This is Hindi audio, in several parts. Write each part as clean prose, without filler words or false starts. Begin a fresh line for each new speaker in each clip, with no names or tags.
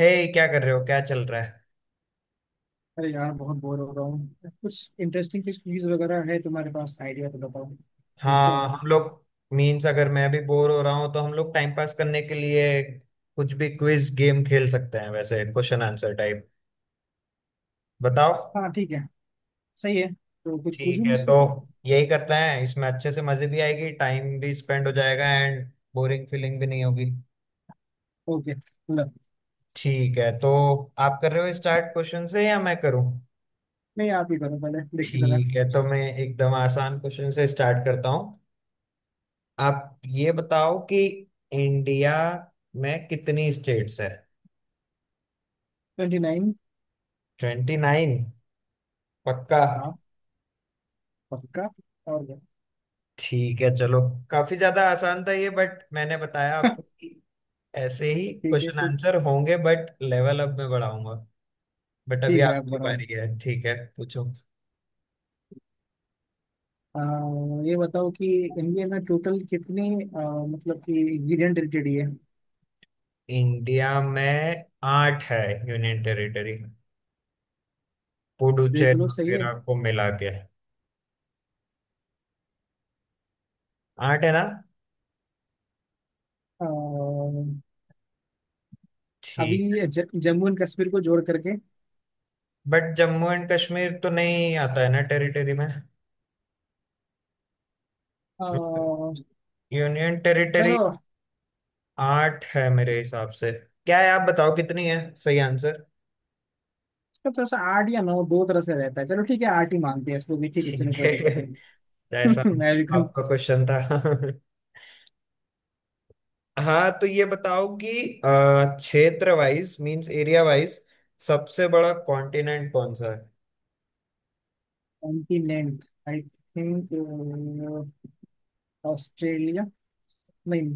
हे। क्या कर रहे हो? क्या चल रहा है?
अरे यार, बहुत बोर हो रहा हूँ। कुछ इंटरेस्टिंग, कुछ क्विज वगैरह है तुम्हारे पास आइडिया तो बताओ, खेलते हैं
हाँ
यार।
हम लोग, मीन्स अगर मैं भी बोर हो रहा हूँ तो हम लोग टाइम पास करने के लिए कुछ भी क्विज गेम खेल सकते हैं। वैसे क्वेश्चन आंसर टाइप। बताओ।
हाँ, ठीक है। सही है, तो कुछ पूछूं
ठीक है,
मुझसे।
तो यही करते हैं। इसमें अच्छे से मजे भी आएगी, टाइम भी स्पेंड हो जाएगा एंड बोरिंग फीलिंग भी नहीं होगी।
ओके। लो।
ठीक है, तो आप कर रहे हो स्टार्ट क्वेश्चन से या मैं करूँ?
नहीं, आप ही करो, पहले देखते जरा।
ठीक है, तो मैं एकदम आसान क्वेश्चन से स्टार्ट करता हूँ। आप ये बताओ कि इंडिया में कितनी स्टेट्स है?
29।
Twenty nine? पक्का?
हाँ, पक्का। और क्या।
ठीक है चलो। काफी ज्यादा आसान था ये, बट मैंने बताया आपको कि ऐसे ही
ठीक है,
क्वेश्चन
ठीक।
आंसर होंगे, बट लेवल अप में बढ़ाऊंगा। बट अभी
ठीक है, आप
आपकी
बनाओ।
बारी है, ठीक है, पूछो।
आ, ये बताओ कि इंडिया में टोटल कितने, मतलब कि इंग्रेडिएंट रिलेटेड ये है।
इंडिया में आठ है यूनियन टेरिटरी,
देख
पुडुचेरी
लो, सही है।
वगैरह को मिला के। आठ है ना?
आ, अभी
ठीक।
जम्मू एंड कश्मीर को जोड़ करके।
बट जम्मू एंड कश्मीर तो नहीं आता है ना टेरिटरी में,
आ,
यूनियन टेरिटरी।
चलो।
आठ है मेरे हिसाब से। क्या है, आप बताओ कितनी है सही आंसर।
इसका तो ऐसा आर्ट या नौ, दो तरह से रहता है। चलो ठीक है, आर्ट ही मानते हैं इसको भी। ठीक है चलो,
ठीक
कोई
है
दिक्कत नहीं।
जैसा
अमेरिकन।
आपका क्वेश्चन था हाँ, तो ये बताओ कि क्षेत्र वाइज मींस एरिया वाइज सबसे बड़ा कॉन्टिनेंट कौन सा है?
Continent I think Australia. नहीं,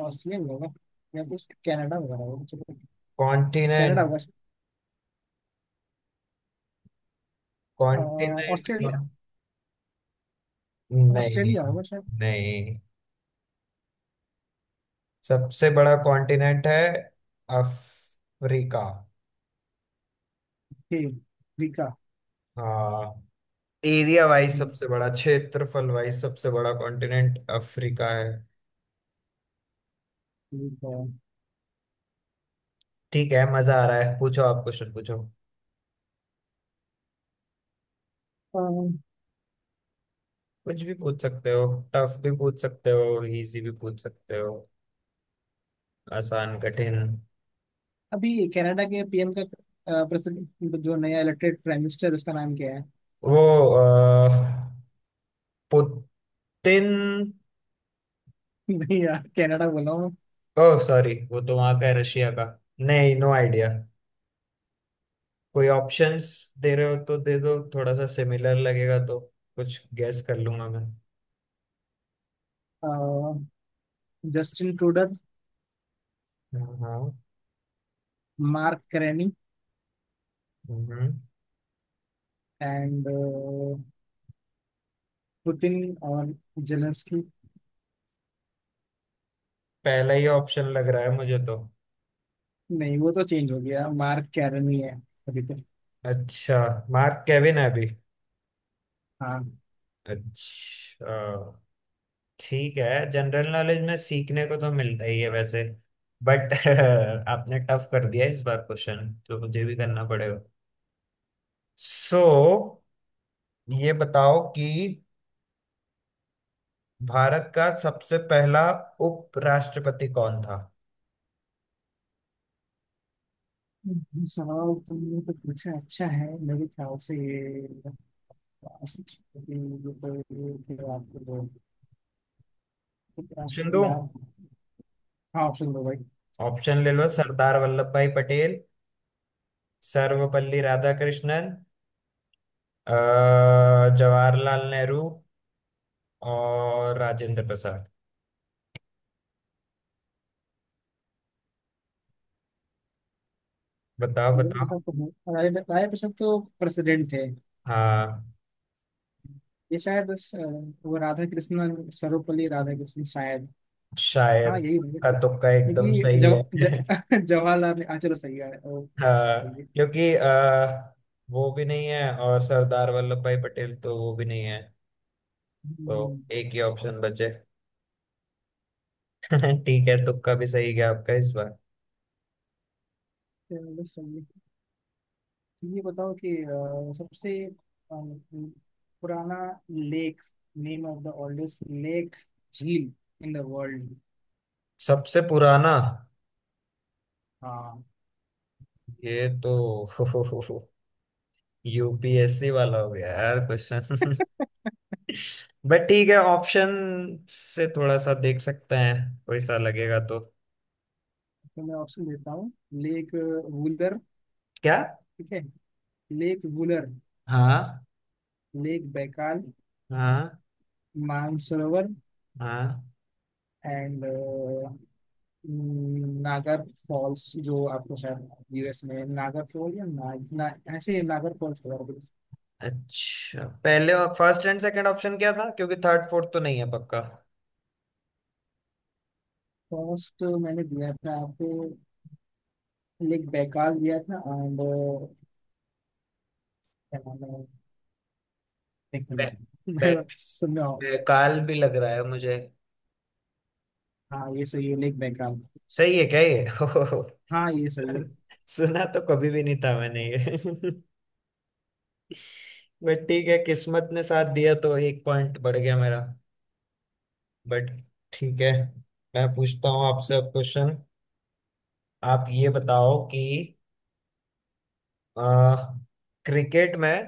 ऑस्ट्रेलिया भी होगा, या कुछ कनाडा वगैरह होगा, चलो। Canada
continent.
होगा शायद। अह,
कॉन्टिनेंट
ऑस्ट्रेलिया।
नहीं,
ऑस्ट्रेलिया होगा शायद।
नहीं। सबसे बड़ा कॉन्टिनेंट है अफ्रीका।
ठीक, अफ्रीका।
हाँ, एरिया वाइज
हम्म,
सबसे बड़ा, क्षेत्रफल वाइज सबसे बड़ा कॉन्टिनेंट अफ्रीका है।
ठीक है।
ठीक है, मजा आ रहा है। पूछो आप क्वेश्चन, पूछो।
अह,
कुछ भी पूछ सकते हो, टफ भी पूछ सकते हो इजी भी पूछ सकते हो, आसान कठिन।
अभी कनाडा के पीएम का प्रेसिडेंट, जो नया इलेक्टेड प्राइम मिनिस्टर, उसका नाम क्या है?
वो अह, पुतिन।
नहीं यार, कनाडा बोला हूँ मैं।
ओह सॉरी, वो तो वहां का है, रशिया का। नहीं, नो आइडिया। कोई ऑप्शंस दे रहे हो तो दे दो, थोड़ा सा सिमिलर लगेगा तो कुछ गैस कर लूंगा मैं।
अह, जस्टिन ट्रूडो।
हाँ हाँ।
Mark Carney.
हम्म।
एंड पुतिन और जेलेंस्की।
पहला ही ऑप्शन लग रहा है मुझे तो।
नहीं, वो तो चेंज हो गया, मार्क कैरनी है अभी तो।
अच्छा, मार्क केविन है अभी।
हाँ,
अच्छा। ठीक है, जनरल नॉलेज में सीखने को तो मिलता ही है वैसे। बट आपने टफ कर दिया इस बार क्वेश्चन, तो मुझे भी करना पड़ेगा। So, ये बताओ कि भारत का सबसे पहला उपराष्ट्रपति कौन था?
ये सवाल तुमने तो पूछा अच्छा है। मेरे ख्याल से ये राष्ट्रपति, ये तो ये थे आपके दो
ऑप्शन
राष्ट्रपति
दो?
यार। हाँ, ऑप्शन दो भाई।
ऑप्शन ले लो। सरदार वल्लभ भाई पटेल, सर्वपल्ली राधाकृष्णन, अ, जवाहरलाल नेहरू और राजेंद्र प्रसाद। बताओ
राजेंद्र
बताओ।
प्रसाद तो हैं, राजेंद्र राजेंद्र प्रसाद तो प्रेसिडेंट थे।
हाँ,
ये शायद वो राधा कृष्णन, सर्वपल्ली राधा कृष्णन शायद।
शायद
हाँ, यही।
का तुक्का एकदम
देखिए
सही है
हाँ चलो सही है, सही
हाँ,
है।
क्योंकि वो भी नहीं है और सरदार वल्लभ भाई पटेल, तो वो भी नहीं है। तो
हम्म,
एक ही ऑप्शन बचे ठीक है, तुक्का भी सही गया आपका इस बार।
चलो सही है। तो ये बताओ कि सबसे पुराना lake, name of the oldest lake, झील इन द वर्ल्ड।
सबसे पुराना
हाँ,
ये तो यूपीएससी वाला हो गया यार क्वेश्चन बट ठीक है, ऑप्शन से थोड़ा सा देख सकते हैं, कोई सा लगेगा तो।
तो मैं ऑप्शन देता हूँ। लेक वुलर।
क्या?
ठीक है, लेक वुलर।
हाँ।
Lake Baikal.
हाँ।
मानसरोवर।
हाँ।
एंड नागर फॉल्स, जो आपको शायद यूएस में नागर फॉल या ना, ना ऐसे नागर फॉल्स वगैरह।
अच्छा पहले फर्स्ट एंड सेकंड ऑप्शन क्या था, क्योंकि थर्ड फोर्थ तो नहीं है पक्का।
फर्स्ट मैंने दिया था आपको, लेक बैकाल दिया था। एंड क्या नाम है? एक मिनट, मैं
बैक,
सुन रहा हूँ।
ये काल भी लग रहा है मुझे।
हाँ, ये सही है लेक बैकाल।
सही है क्या ये
हाँ, ये सही है।
सुना तो कभी भी नहीं था मैंने ये बट ठीक है, किस्मत ने साथ दिया तो एक पॉइंट बढ़ गया मेरा। बट ठीक है, मैं पूछता हूँ आपसे अब क्वेश्चन। आप ये बताओ कि क्रिकेट में,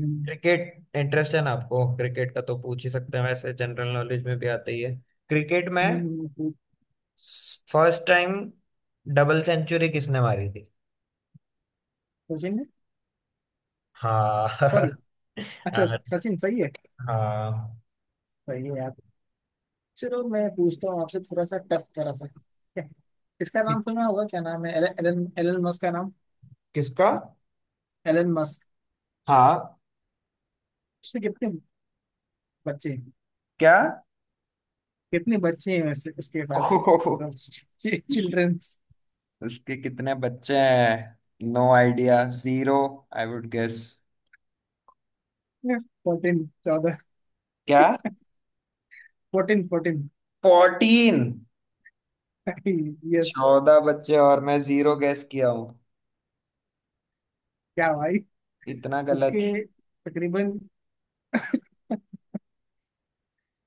हम्म।
क्रिकेट इंटरेस्ट है ना आपको क्रिकेट का, तो पूछ ही सकते हैं, वैसे जनरल नॉलेज में भी आता ही है। क्रिकेट में
हम्म। हम्म।
फर्स्ट टाइम डबल सेंचुरी किसने मारी थी?
सचिन।
हाँ
सॉरी। अच्छा
हाँ
सचिन सही है।
हाँ।
सही है यार। चलो मैं पूछता हूँ आपसे थोड़ा सा टफ तरह सा, ठीक है? इसका
कि-
नाम सुना होगा? क्या नाम है एलन एलन मस्क का नाम।
किसका?
Elon Musk.
हाँ।
उसके कितने बच्चे हैं?
क्या?
कितने बच्चे हैं वैसे उसके पास?
ओहो।
मतलब, चिल्ड्रन।
उसके कितने बच्चे हैं, no idea, zero, I would guess.
14
क्या?
14, 14
फोर्टीन,
यस।
चौदह बच्चे और मैं जीरो गेस किया हूँ
क्या भाई।
इतना
उसके
गलत।
तकरीबन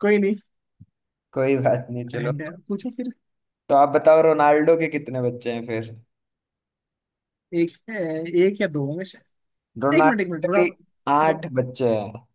कोई नहीं।
कोई बात नहीं चलो।
एंड पूछो फिर।
तो आप बताओ, रोनाल्डो के कितने बच्चे हैं फिर?
एक या दो होंगे शायद। एक मिनट
रोनाल्डो
एक मिनट,
के
थोड़ा
भी
थोड़ा-
आठ बच्चे हैं।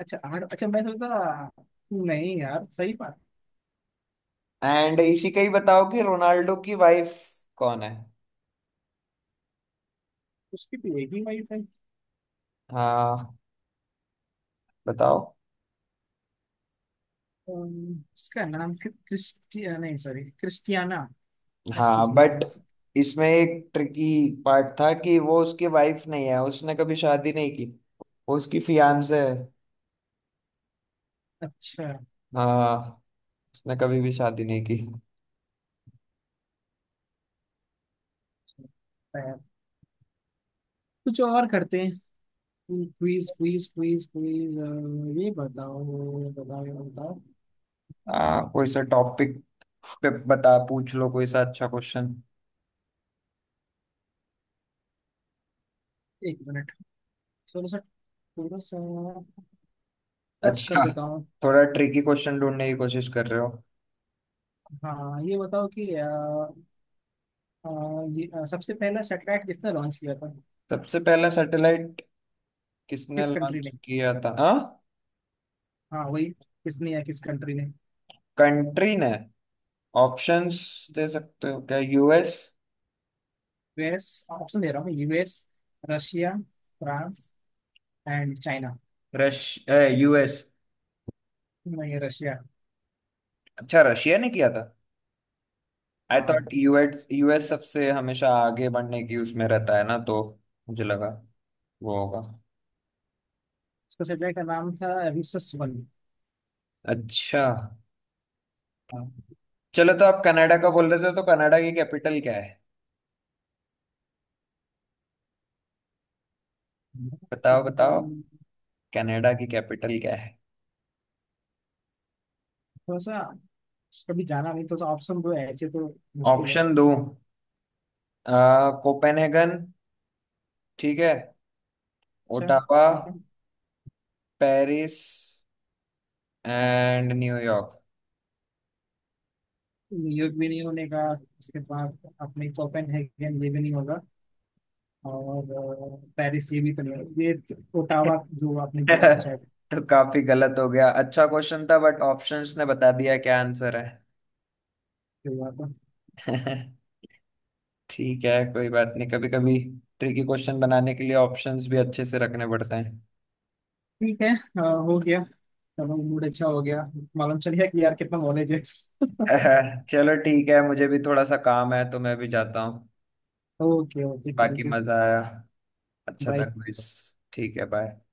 अच्छा, आठ। अच्छा मैं सोचता, नहीं यार, सही बात।
एंड इसी का ही बताओ कि रोनाल्डो की वाइफ कौन है?
उसकी तो एक ही वाइफ है।
हाँ, बताओ।
इसका नाम क्रिस्टिया नहीं, सॉरी, क्रिस्टियाना। ऐसे कुछ
हाँ,
नाम है।
बट इसमें एक ट्रिकी पार्ट था कि वो उसकी वाइफ नहीं है, उसने कभी शादी नहीं की। वो उसकी फियांसे है।
अच्छा।
हाँ, उसने कभी भी शादी नहीं की।
अच्छा। कुछ और करते हैं। Quiz, quiz, quiz, quiz. ये बताओ, ये बताओ, ये बताओ।
हाँ, कोई सा टॉपिक पे बता पूछ लो कोई सा अच्छा क्वेश्चन।
एक मिनट, थोड़ा सा थोड़ा सा टफ कर
अच्छा,
देता हूँ।
थोड़ा ट्रिकी क्वेश्चन ढूंढने की कोशिश कर रहे हो।
हाँ, ये बताओ कि अ, ये सबसे पहला सैटेलाइट किसने लॉन्च किया था?
सबसे पहला सैटेलाइट किसने
किस कंट्री ने?
लॉन्च किया था? हाँ,
हाँ, वही, किसने या किस कंट्री ने?
कंट्री ने? ऑप्शंस दे सकते हो क्या? यूएस?
यूएस। ऑप्शन दे रहा हूँ, US. Russia. France. And China.
रश यूएस।
नहीं, रशिया।
अच्छा, रशिया ने किया था। आई थॉट
हाँ।
यूएस, यूएस सबसे हमेशा आगे बढ़ने की उसमें रहता है ना, तो मुझे लगा वो होगा।
उसका सैटेलाइट का नाम था रिसस 1।
अच्छा।
हाँ।
चलो, तो आप कनाडा का बोल रहे थे, तो कनाडा की कैपिटल क्या है? बताओ
थोड़ा
बताओ। कनाडा की कैपिटल क्या है?
सा कभी जाना नहीं, तो ऑप्शन दो, ऐसे तो मुश्किल है।
ऑप्शन दो। कोपेनहेगन, ठीक है।
अच्छा।
ओटावा,
ठीक है।
Paris and New York.
न्यूयॉर्क भी नहीं होने का, उसके बाद अपने कोपेनहेगन, ये भी नहीं होगा, और पेरिस, ये भी तो नहीं होगा, ओटावा, जो आपने बोला था शायद।
तो काफी गलत हो गया। अच्छा क्वेश्चन था, बट ऑप्शंस ने बता दिया क्या आंसर
ये हुआ था।
है ठीक है कोई बात नहीं। कभी कभी ट्रिकी क्वेश्चन बनाने के लिए ऑप्शंस भी अच्छे से रखने पड़ते हैं।
ठीक है, हो गया। चलो मूड अच्छा हो गया। मालूम चल गया कि यार कितना नॉलेज है।
चलो ठीक है, मुझे भी थोड़ा सा काम है तो मैं भी जाता हूँ।
ओके, ओके,
बाकी
थैंक यू।
मजा आया, अच्छा था
बाय।
क्विज। ठीक है, बाय।